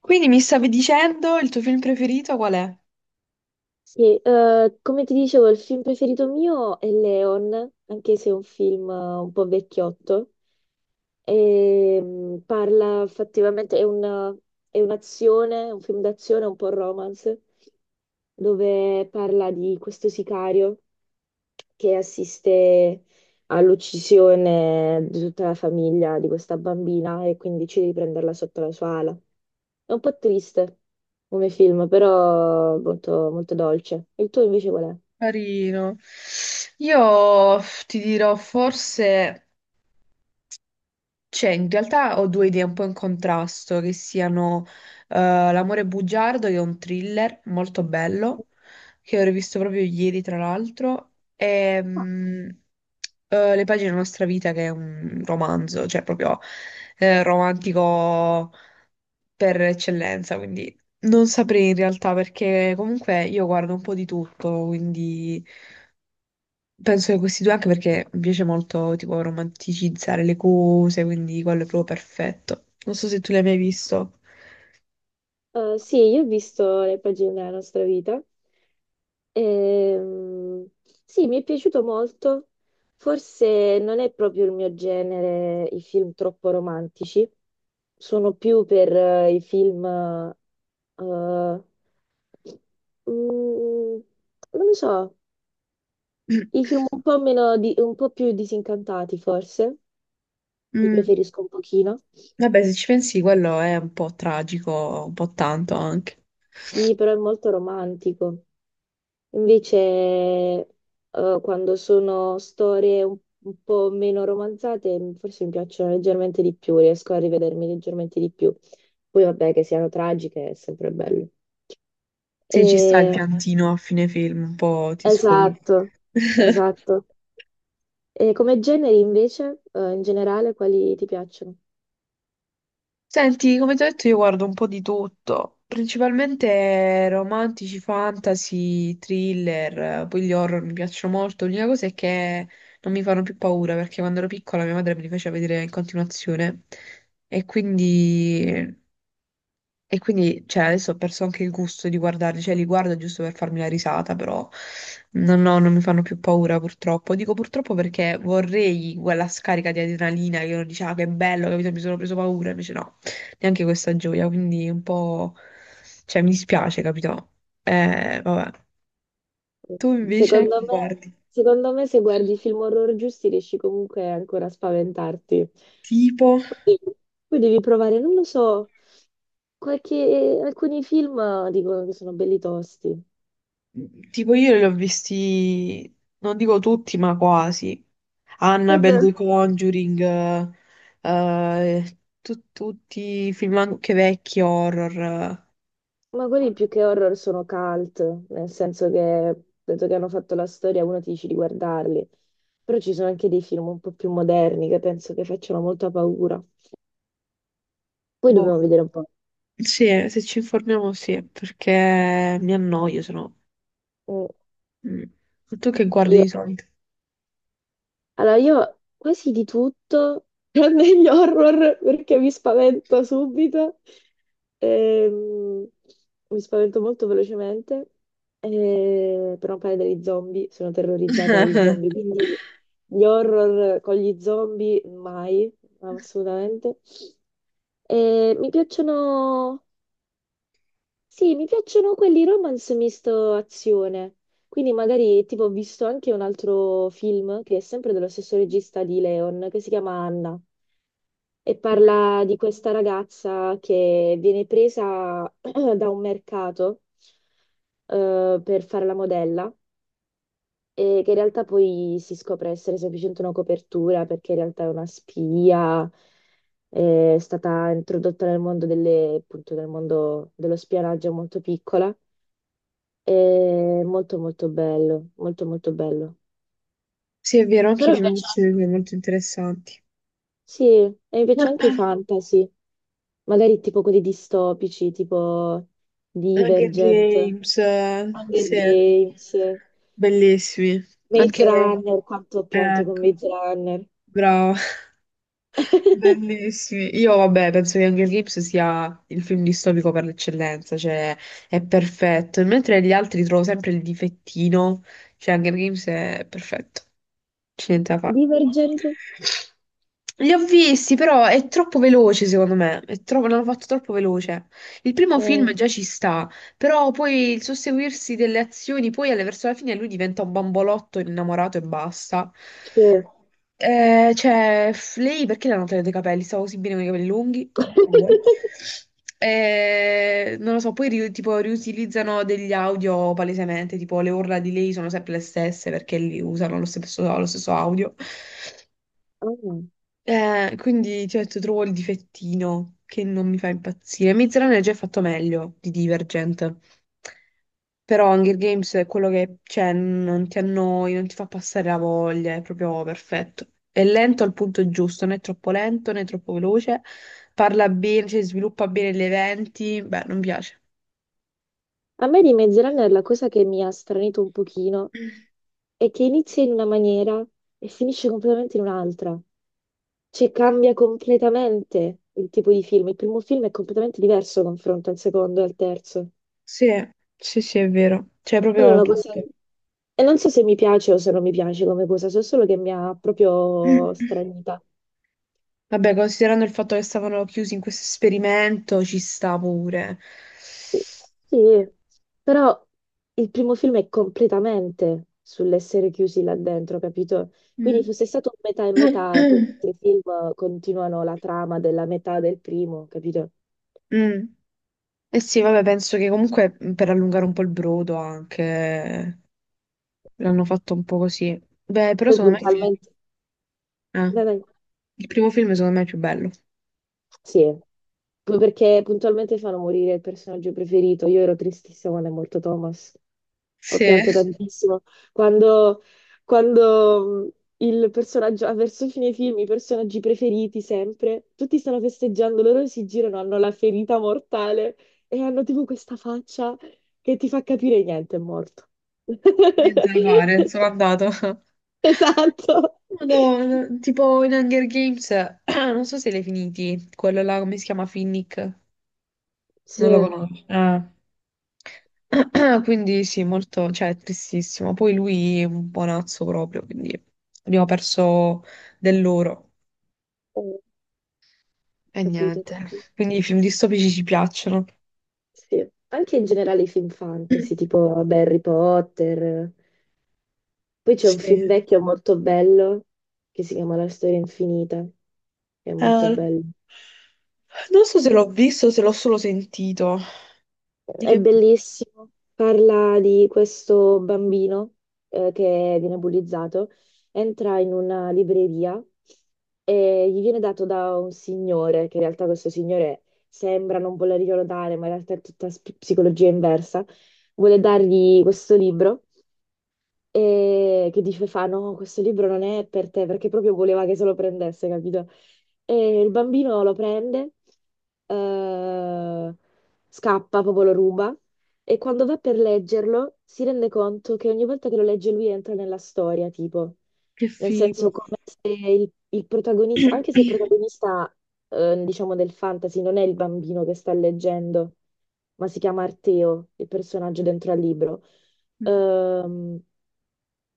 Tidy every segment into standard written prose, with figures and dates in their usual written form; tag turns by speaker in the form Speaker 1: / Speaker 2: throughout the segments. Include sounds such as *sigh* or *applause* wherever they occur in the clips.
Speaker 1: Quindi mi stavi dicendo il tuo film preferito qual è?
Speaker 2: Sì, come ti dicevo, il film preferito mio è Leon, anche se è un film un po' vecchiotto. Parla effettivamente, è un'azione, un film d'azione, un po' romance, dove parla di questo sicario che assiste all'uccisione di tutta la famiglia di questa bambina e quindi decide di prenderla sotto la sua ala. È un po' triste come film, però molto, molto dolce. Il tuo invece qual è?
Speaker 1: Carino. Io ti dirò forse, cioè in realtà ho due idee un po' in contrasto, che siano eh, L'amore bugiardo, che è un thriller molto bello, che ho rivisto proprio ieri tra l'altro, e
Speaker 2: Ah.
Speaker 1: mm, eh, Le pagine della nostra vita, che è un romanzo, cioè proprio romantico per eccellenza, quindi non saprei in realtà perché comunque io guardo un po' di tutto, quindi penso che questi due anche perché mi piace molto tipo romanticizzare le cose, quindi quello è proprio perfetto. Non so se tu l'hai mai visto.
Speaker 2: Sì, io ho visto le pagine della nostra vita. Ehm, sì, mi è piaciuto molto. Forse non è proprio il mio genere i film troppo romantici. Sono più per i film, mm, non lo so, i film
Speaker 1: *clears throat*
Speaker 2: un po' un po' più disincantati, forse. Li
Speaker 1: Mm.
Speaker 2: preferisco un pochino.
Speaker 1: Vabbè, se ci pensi, quello è un po' tragico, un po' tanto anche.
Speaker 2: Sì, però è molto romantico. Invece, quando sono storie un po' meno romanzate, forse mi piacciono leggermente di più, riesco a rivedermi leggermente di più. Poi vabbè, che siano tragiche è sempre bello.
Speaker 1: Se ci sta il
Speaker 2: E-
Speaker 1: piantino a fine film, un po' ti sfoghi.
Speaker 2: Esatto, esatto.
Speaker 1: *laughs*
Speaker 2: E come generi invece, in generale, quali ti piacciono?
Speaker 1: Senti, come ti ho detto, io guardo un po' di tutto, principalmente romantici, fantasy, thriller, poi gli horror mi piacciono molto. L'unica cosa è che non mi fanno più paura perché quando ero piccola mia madre me li faceva vedere in continuazione e quindi e quindi, cioè, adesso ho perso anche il gusto di guardarli, cioè li guardo giusto per farmi la risata, però no, no, non mi fanno più paura purtroppo. Dico purtroppo perché vorrei quella scarica di adrenalina che uno dice, ah, che bello, capito, mi sono preso paura, invece no, neanche questa gioia, quindi un po', cioè, mi dispiace, capito? Vabbè. Tu invece
Speaker 2: Secondo
Speaker 1: che
Speaker 2: me,
Speaker 1: guardi,
Speaker 2: secondo me se guardi i film horror giusti riesci comunque ancora a spaventarti.
Speaker 1: tipo...
Speaker 2: Poi, poi devi provare, non lo so, alcuni film dicono che sono belli tosti.
Speaker 1: Tipo io li ho visti, non dico tutti, ma quasi.
Speaker 2: E
Speaker 1: Annabelle,
Speaker 2: beh,
Speaker 1: The Conjuring, tutti i film anche vecchi, horror.
Speaker 2: ma quelli più che horror sono cult, nel senso che dato che hanno fatto la storia uno ti dice di guardarli. Però ci sono anche dei film un po' più moderni che penso che facciano molta paura. Poi dobbiamo
Speaker 1: Boh,
Speaker 2: vedere un po'.
Speaker 1: sì, se ci informiamo sì, perché mi annoio, se no.
Speaker 2: Mm.
Speaker 1: Mm. Tu che guardi
Speaker 2: Io
Speaker 1: di solito?
Speaker 2: allora, io quasi di tutto, *laughs* tranne gli horror perché mi spavento subito. Ehm, mi spavento molto velocemente. Per non parlare degli zombie, sono terrorizzata dagli zombie, quindi gli horror con gli zombie mai, assolutamente. Mi piacciono sì, mi piacciono quelli romance misto azione. Quindi magari, tipo, ho visto anche un altro film che è sempre dello stesso regista di Leon, che si chiama Anna, e
Speaker 1: Mm.
Speaker 2: parla di questa ragazza che viene presa *clears throat* da un mercato per fare la modella e che in realtà poi si scopre essere semplicemente una copertura perché in realtà è una spia, è stata introdotta nel mondo delle, appunto, nel mondo dello spionaggio molto piccola. È molto bello, molto bello.
Speaker 1: Sì, è vero, anche i
Speaker 2: Però mi
Speaker 1: film di
Speaker 2: piace
Speaker 1: solito sono
Speaker 2: anche,
Speaker 1: molto interessanti.
Speaker 2: sì, e mi piace anche i fantasy, magari tipo quelli distopici, tipo
Speaker 1: Hunger
Speaker 2: Divergent,
Speaker 1: Games,
Speaker 2: Hunger
Speaker 1: sì,
Speaker 2: Games,
Speaker 1: bellissimi.
Speaker 2: Maze
Speaker 1: Anche lei.
Speaker 2: Runner, quanto ho pianto con
Speaker 1: Ecco,
Speaker 2: Maze Runner.
Speaker 1: bravo, *laughs*
Speaker 2: *laughs*
Speaker 1: bellissimi. Io vabbè, penso che Hunger Games sia il film distopico per l'eccellenza, cioè è perfetto. Mentre gli altri trovo sempre il difettino, cioè Hunger Games è perfetto. C'è niente da fare.
Speaker 2: Divergent?
Speaker 1: Li ho visti, però è troppo veloce, secondo me. L'hanno fatto troppo veloce. Il primo
Speaker 2: Eh,
Speaker 1: film già ci sta, però poi il susseguirsi delle azioni, verso la fine lui diventa un bambolotto innamorato e basta.
Speaker 2: sì.
Speaker 1: Cioè, lei perché le hanno tagliato i capelli? Stava così bene con i capelli lunghi? Come vuoi.
Speaker 2: *laughs*
Speaker 1: Non lo so, tipo riutilizzano degli audio palesemente, tipo le urla di lei sono sempre le stesse perché li usano lo stesso audio.
Speaker 2: Oh.
Speaker 1: Quindi ti ho detto, trovo il difettino che non mi fa impazzire. Miz Runner è già fatto meglio di Divergent. Però Hunger Games è quello che c'è, non ti annoi, non ti fa passare la voglia, è proprio perfetto. È lento al punto giusto, non è troppo lento né troppo veloce. Parla bene, cioè, sviluppa bene gli eventi. Beh, non piace.
Speaker 2: A me di Maze Runner la cosa che mi ha stranito un pochino è che inizia in una maniera e finisce completamente in un'altra. Cioè, cambia completamente il tipo di film. Il primo film è completamente diverso confronto al secondo e al terzo.
Speaker 1: Sì, sì, sì, è vero. C'è proprio
Speaker 2: Allora, una cosa...
Speaker 1: tutto.
Speaker 2: E non so se mi piace o se non mi piace come cosa, so solo che mi ha proprio stranita.
Speaker 1: Vabbè, considerando il fatto che stavano chiusi in questo esperimento, ci sta pure.
Speaker 2: Sì, però il primo film è completamente sull'essere chiusi là dentro, capito?
Speaker 1: Mm.
Speaker 2: Quindi fosse stato un metà e metà e poi gli
Speaker 1: *clears throat*
Speaker 2: altri film continuano la trama della metà del primo, capito?
Speaker 1: Mm. Eh sì, vabbè, penso che comunque per allungare un po' il brodo anche l'hanno fatto un po' così. Beh, però
Speaker 2: Poi
Speaker 1: secondo me il film-
Speaker 2: puntualmente...
Speaker 1: eh,
Speaker 2: Dai, dai.
Speaker 1: il primo film secondo me è più bello.
Speaker 2: Sì. Poi perché puntualmente fanno morire il personaggio preferito. Io ero tristissima quando è morto Thomas. Ho
Speaker 1: Sì,
Speaker 2: pianto tantissimo. Quando, quando il personaggio, ah, verso fine film, i personaggi preferiti sempre, tutti stanno festeggiando, loro si girano, hanno la ferita mortale e hanno tipo questa faccia che ti fa capire niente, è morto. *laughs*
Speaker 1: niente da fare, sono andato. *laughs*
Speaker 2: Esatto.
Speaker 1: Madonna, tipo in Hunger Games, *clears throat* non so se l'hai finiti, quello là, come si chiama, Finnick?
Speaker 2: Sì,
Speaker 1: Non lo
Speaker 2: ho
Speaker 1: conosco. Ah. *clears throat* Quindi sì, molto, cioè, è tristissimo. Poi lui è un buonazzo proprio, quindi abbiamo perso dell'oro e
Speaker 2: capito,
Speaker 1: niente.
Speaker 2: capito.
Speaker 1: Quindi i film distopici ci piacciono.
Speaker 2: Sì, anche in generale i film fantasy,
Speaker 1: *clears throat*
Speaker 2: tipo beh, Harry Potter. Poi c'è un
Speaker 1: Sì.
Speaker 2: film vecchio molto bello che si chiama La storia infinita, che è molto
Speaker 1: Eh,
Speaker 2: bello.
Speaker 1: non so se l'ho visto o se l'ho solo sentito. Di
Speaker 2: È
Speaker 1: che...
Speaker 2: bellissimo, parla di questo bambino che viene bullizzato, entra in una libreria e gli viene dato da un signore, che in realtà questo signore sembra non volerglielo dare, ma in realtà è tutta psicologia inversa, vuole dargli questo libro e che dice fa no, questo libro non è per te perché proprio voleva che se lo prendesse, capito? E il bambino lo prende, eh, scappa, proprio lo ruba e quando va per leggerlo si rende conto che ogni volta che lo legge lui entra nella storia, tipo,
Speaker 1: Che
Speaker 2: nel senso
Speaker 1: figo.
Speaker 2: come se il protagonista, anche se il
Speaker 1: *clears throat*
Speaker 2: protagonista, diciamo, del fantasy non è il bambino che sta leggendo ma si chiama Arteo, il personaggio dentro al libro. Ehm,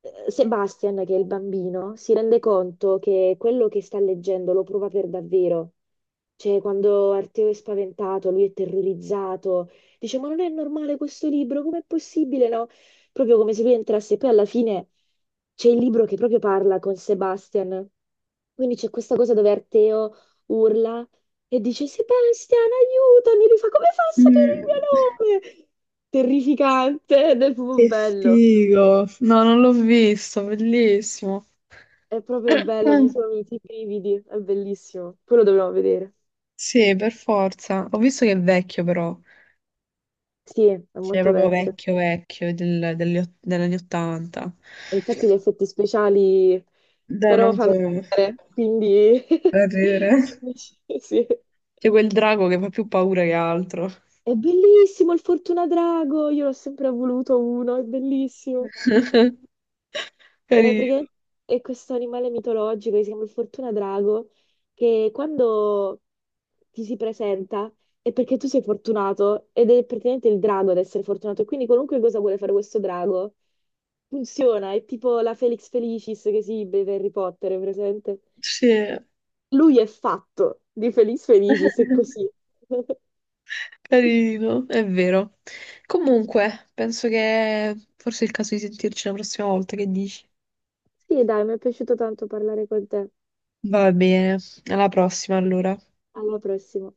Speaker 2: Sebastian, che è il bambino, si rende conto che quello che sta leggendo lo prova per davvero. Cioè, quando Arteo è spaventato, lui è terrorizzato, dice: Ma non è normale questo libro, com'è possibile? No? Proprio come se lui entrasse. Poi alla fine c'è il libro che proprio parla con Sebastian. Quindi c'è questa cosa dove Arteo urla e dice: Sebastian, aiutami! Lui fa: Come fa a sapere il
Speaker 1: Mm.
Speaker 2: mio nome? Terrificante, ed è proprio
Speaker 1: Che
Speaker 2: bello.
Speaker 1: figo. No, non l'ho visto, bellissimo.
Speaker 2: È proprio
Speaker 1: *clears throat*
Speaker 2: bello, mi
Speaker 1: Mm.
Speaker 2: sono venuti i brividi, è bellissimo. Poi lo dobbiamo vedere.
Speaker 1: Sì, per forza. Ho visto che è vecchio però.
Speaker 2: Sì, è
Speaker 1: Sei
Speaker 2: molto
Speaker 1: proprio
Speaker 2: vecchio.
Speaker 1: vecchio, vecchio, degli degli 80.
Speaker 2: E infatti gli effetti speciali
Speaker 1: Da
Speaker 2: però
Speaker 1: non può
Speaker 2: fanno male, quindi...
Speaker 1: da
Speaker 2: *laughs*
Speaker 1: ridere.
Speaker 2: quindi sì, sì.
Speaker 1: C'è quel drago che fa più paura che altro.
Speaker 2: È bellissimo il Fortuna Drago, io l'ho sempre voluto uno, è bellissimo.
Speaker 1: *laughs* Carino.
Speaker 2: Perché è questo animale mitologico che si chiama il Fortuna Drago, che quando ti si presenta è perché tu sei fortunato ed è praticamente il drago ad essere fortunato. E quindi qualunque cosa vuole fare questo drago funziona, è tipo la Felix Felicis che si beve Harry Potter, è presente?
Speaker 1: Sì.
Speaker 2: Lui è fatto di Felix Felicis, è così. *laughs*
Speaker 1: Carino, è vero. Comunque, penso che forse è il caso di sentirci la prossima volta, che dici?
Speaker 2: Sì, dai, mi è piaciuto tanto parlare con te.
Speaker 1: Va bene, alla prossima allora.
Speaker 2: Alla prossima.